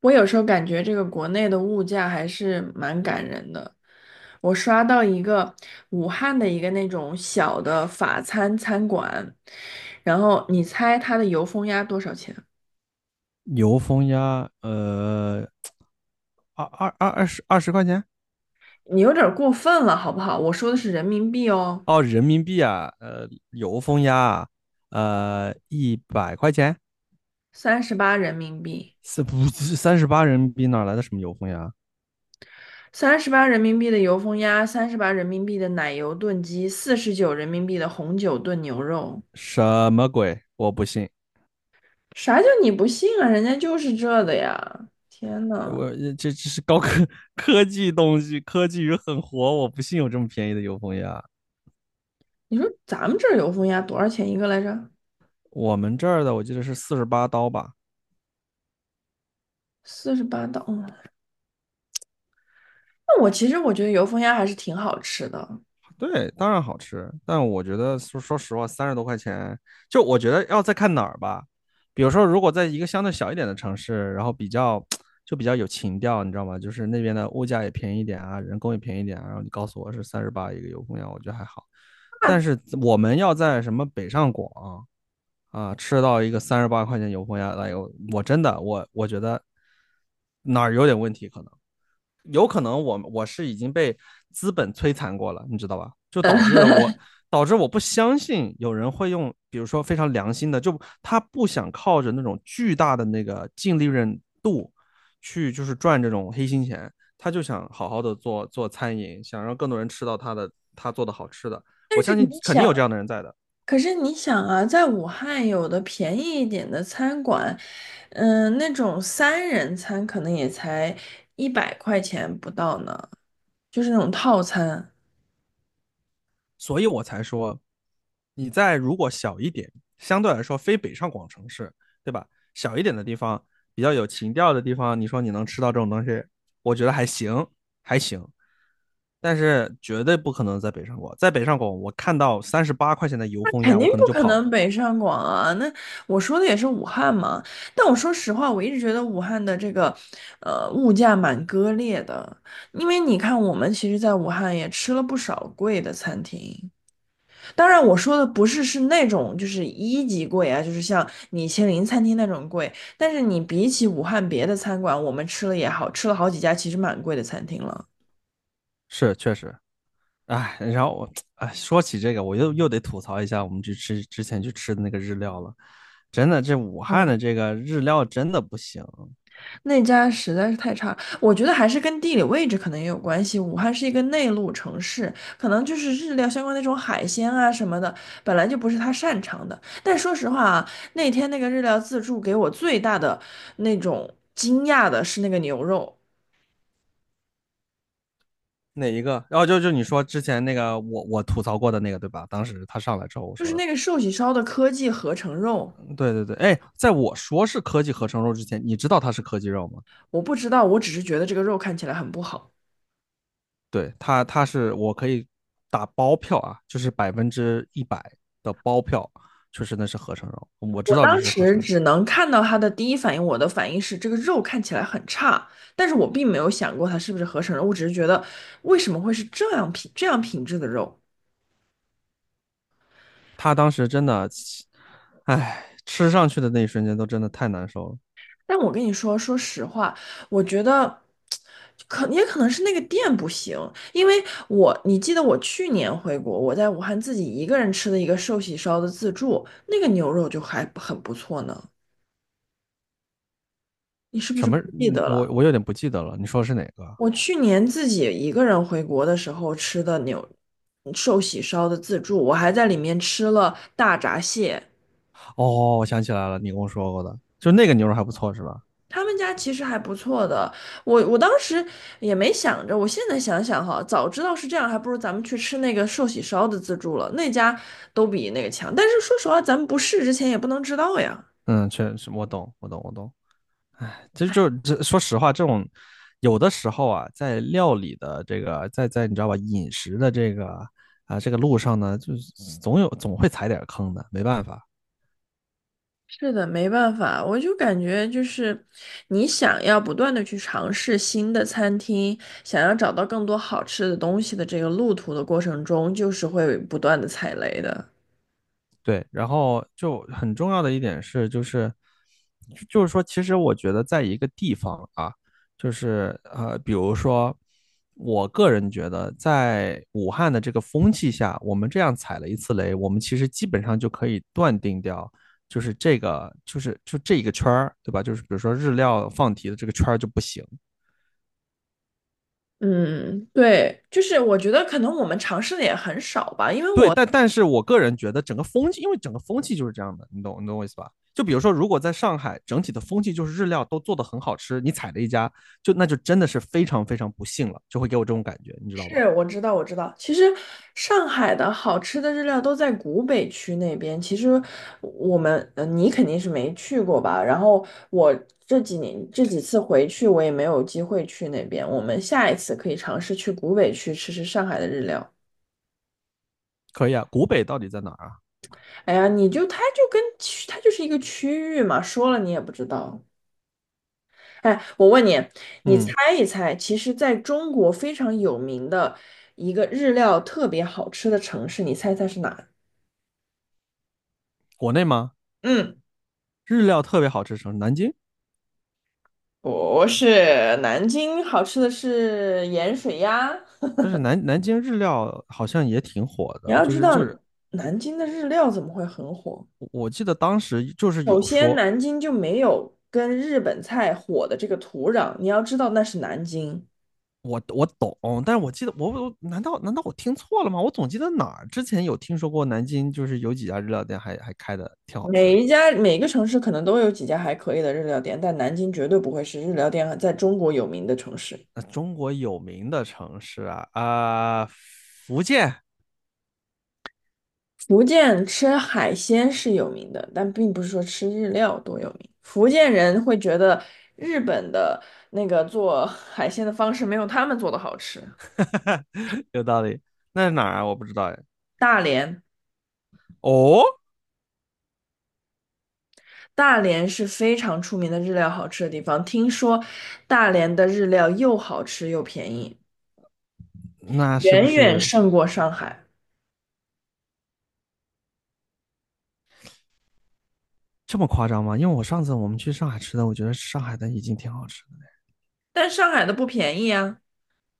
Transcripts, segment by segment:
我有时候感觉这个国内的物价还是蛮感人的。我刷到一个武汉的一个那种小的法餐餐馆，然后你猜它的油封鸭多少钱？油封鸭，二十块钱。你有点儿过分了，好不好？我说的是人民币哦，哦，人民币啊，油封鸭啊，100块。三十八人民币，是不是38人民币哪来的什么油封鸭？三十八人民币的油封鸭，三十八人民币的奶油炖鸡，四十九人民币的红酒炖牛肉。什么鬼？我不信。啥叫你不信啊？人家就是这的呀！天呐！我这是科技东西，科技与狠活，我不信有这么便宜的油封鸭。你说咱们这儿油封鸭多少钱一个来着？我们这儿的我记得是48刀吧。四十八刀。嗯，那我其实觉得油封鸭还是挺好吃的。对，当然好吃，但我觉得说实话，30多块，就我觉得要再看哪儿吧。比如说，如果在一个相对小一点的城市，然后就比较有情调，你知道吗？就是那边的物价也便宜一点啊，人工也便宜一点啊，然后你告诉我是三十八一个油公羊，我觉得还好。但是我们要在什么北上广啊，吃到一个三十八块钱油封鸭，哎呦，我真的，我觉得哪儿有点问题可能。有可能我是已经被资本摧残过了，你知道吧？就导致我不相信有人会用，比如说非常良心的，就他不想靠着那种巨大的那个净利润度去就是赚这种黑心钱，他就想好好的做做餐饮，想让更多人吃到他做的好吃的。我但是相信你肯定想，有这样的人在的。可是你想啊，在武汉有的便宜一点的餐馆，那种三人餐可能也才一百块钱不到呢，就是那种套餐。所以我才说，你在如果小一点，相对来说非北上广城市，对吧？小一点的地方，比较有情调的地方，你说你能吃到这种东西，我觉得还行，还行。但是绝对不可能在北上广，在北上广我看到三十八块钱的油封肯鸭，我定可不能就可跑能了。北上广啊！那我说的也是武汉嘛。但我说实话，我一直觉得武汉的这个，物价蛮割裂的。因为你看，我们其实在武汉也吃了不少贵的餐厅。当然，我说的不是那种就是一级贵啊，就是像米其林餐厅那种贵。但是你比起武汉别的餐馆，我们吃了也好，吃了好几家其实蛮贵的餐厅了。是，确实，哎，然后哎，说起这个，我又得吐槽一下我们去吃之前去吃的那个日料了。真的，这武汉嗯。的这个日料真的不行。那家实在是太差，我觉得还是跟地理位置可能也有关系。武汉是一个内陆城市，可能就是日料相关那种海鲜啊什么的，本来就不是他擅长的。但说实话啊，那天那个日料自助给我最大的那种惊讶的是那个牛肉，哪一个？然后哦，就你说之前那个我吐槽过的那个对吧？当时他上来之后我就说是的。那个寿喜烧的科技合成肉。嗯，对对对。哎，在我说是科技合成肉之前，你知道它是科技肉吗？我不知道，我只是觉得这个肉看起来很不好。对，它是我可以打包票啊，就是100%的包票，就是那是合成肉，我知我道这当是合时成肉。只能看到他的第一反应，我的反应是这个肉看起来很差，但是我并没有想过它是不是合成肉，我只是觉得为什么会是这样品质的肉。他当时真的，哎，吃上去的那一瞬间都真的太难受了。但我跟你说，说实话，我觉得也可能是那个店不行，因为你记得我去年回国，我在武汉自己一个人吃的一个寿喜烧的自助，那个牛肉就还很不错呢。你是不什是么？不记嗯，得我了？我有点不记得了，你说的是哪个啊？我去年自己一个人回国的时候吃的寿喜烧的自助，我还在里面吃了大闸蟹。哦，我想起来了，你跟我说过的，就那个牛肉还不错是吧？他们家其实还不错的，我当时也没想着，我现在想想哈，早知道是这样，还不如咱们去吃那个寿喜烧的自助了，那家都比那个强。但是说实话，咱们不试之前也不能知道呀。嗯，确实，我懂，我懂，我懂。哎，其实就是这，说实话，这种有的时候啊，在料理的这个，在你知道吧，饮食的这个啊、这个路上呢，就是总会踩点儿坑的，没办法。是的，没办法，我就感觉就是你想要不断的去尝试新的餐厅，想要找到更多好吃的东西的这个路途的过程中，就是会不断的踩雷的。对，然后就很重要的一点是，就是说，其实我觉得在一个地方啊，就是比如说，我个人觉得，在武汉的这个风气下，我们这样踩了一次雷，我们其实基本上就可以断定掉，就这一个圈儿，对吧？就是比如说日料放题的这个圈儿就不行。嗯，对，就是我觉得可能我们尝试的也很少吧，因为对，我但是我个人觉得整个风气，因为整个风气就是这样的，你懂我意思吧？就比如说，如果在上海整体的风气就是日料都做得很好吃，你踩了一家，就那就真的是非常非常不幸了，就会给我这种感觉，你知道吧？是，我知道，我知道。其实上海的好吃的日料都在古北区那边。其实我们，你肯定是没去过吧？然后我这几年这几次回去，我也没有机会去那边。我们下一次可以尝试去古北区吃吃上海的日料。可以啊，古北到底在哪儿啊？哎呀，你就它就是一个区域嘛，说了你也不知道。哎，我问你，你嗯，猜一猜，其实在中国非常有名的一个日料特别好吃的城市，你猜猜是哪？国内吗？嗯。日料特别好吃什城市，南京。不是南京好吃的是盐水鸭。不是，南京日料好像也挺火你的，要就知是道，就是南京的日料怎么会很火？我记得当时就是首有先，说，南京就没有跟日本菜火的这个土壤。你要知道，那是南京。我懂，但是我记得我难道我听错了吗？我总记得哪儿之前有听说过南京，就是有几家日料店还开的挺好吃每一的。家每个城市可能都有几家还可以的日料店，但南京绝对不会是日料店在中国有名的城市。那中国有名的城市啊，福建。 福建吃海鲜是有名的，但并不是说吃日料多有名。福建人会觉得日本的那个做海鲜的方式没有他们做的好吃。有道理。那是哪儿啊？我不知道哎。大连，哦，大连是非常出名的日料好吃的地方，听说大连的日料又好吃又便宜，那是不远远是胜过上海。这么夸张吗？因为我上次我们去上海吃的，我觉得上海的已经挺好吃。但上海的不便宜啊，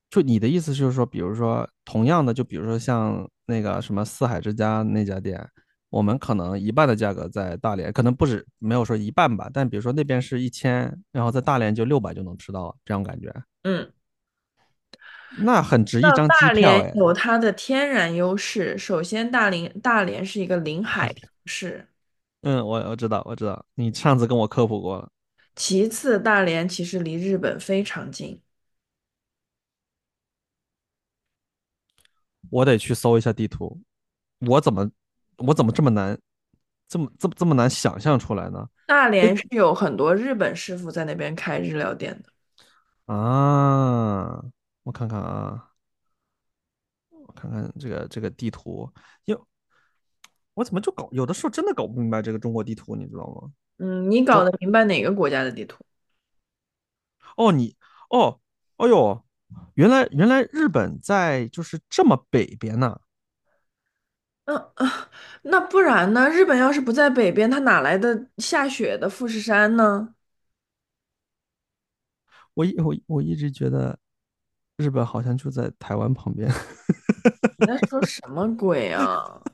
就你的意思就是说，比如说同样的，就比如说像那个什么四海之家那家店，我们可能一半的价格在大连，可能不止没有说一半吧，但比如说那边是1000，然后在大连就600就能吃到了这样感觉，嗯。那很值一到张机大票连哎。有它的天然优势，首先大连是一个临大海城理。市。嗯，我知道我知道，你上次跟我科普过了。其次，大连其实离日本非常近，我得去搜一下地图，我怎么我怎么这么难，这么难想象出来呢？大连是有很多日本师傅在那边开日料店的。啊，我看看啊。我看看这个地图，因为我怎么就有的时候真的搞不明白这个中国地图，你知道吗？嗯，你搞中得明白哪个国家的地图？哦，哦，哦哟，原来日本在就是这么北边呐、啊。嗯啊，那不然呢？日本要是不在北边，它哪来的下雪的富士山呢？我一直觉得日本好像就在台湾旁边。你在说什么鬼啊？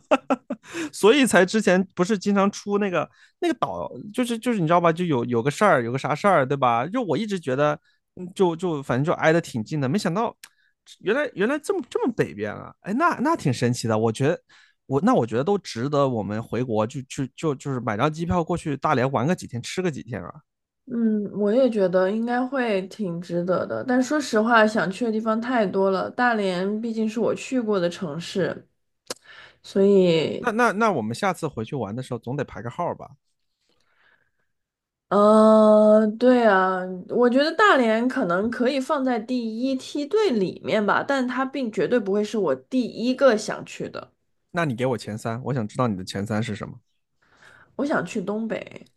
所以才之前不是经常出那个岛，就是你知道吧，就有个事儿，有个啥事儿，对吧？就我一直觉得，嗯，就反正就挨得挺近的，没想到原来这么北边啊！哎，那挺神奇的，我觉得，我觉得都值得我们回国就是买张机票过去大连玩个几天，吃个几天啊！嗯，我也觉得应该会挺值得的，但说实话，想去的地方太多了。大连毕竟是我去过的城市，所以那我们下次回去玩的时候总得排个号吧？嗯，对啊，我觉得大连可能可以放在第一梯队里面吧，但它并绝对不会是我第一个想去的。那你给我前三，我想知道你的前三是什么。我想去东北，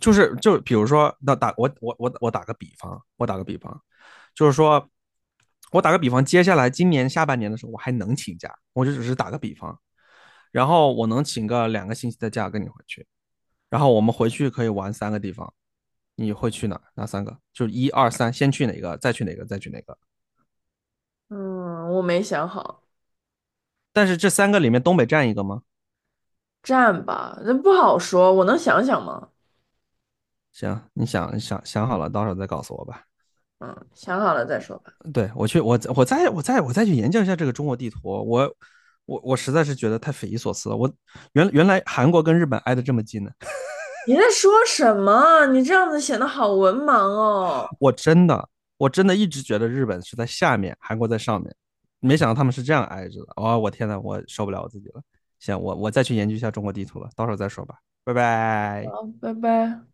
就是比如说，那打我我我我打个比方，就是说，我打个比方，接下来今年下半年的时候，我还能请假，我就只是打个比方，然后我能请个2个星期的假跟你回去，然后我们回去可以玩三个地方，你会去哪三个？就是一二三，先去哪个，再去哪个，再去哪个？嗯，我没想好，但是这三个里面东北占一个吗？站吧，那不好说，我能想想吗？行，你想想想好了，到时候再告诉我吧。嗯，想好了再说吧。对，我再去研究一下这个中国地图。我实在是觉得太匪夷所思了。原来韩国跟日本挨得这么近呢，你在说什么？你这样子显得好文盲哦。我真的我真的一直觉得日本是在下面，韩国在上面，没想到他们是这样挨着的。哦，我天呐，我受不了我自己了。行，我再去研究一下中国地图了，到时候再说吧，拜拜。好，拜拜。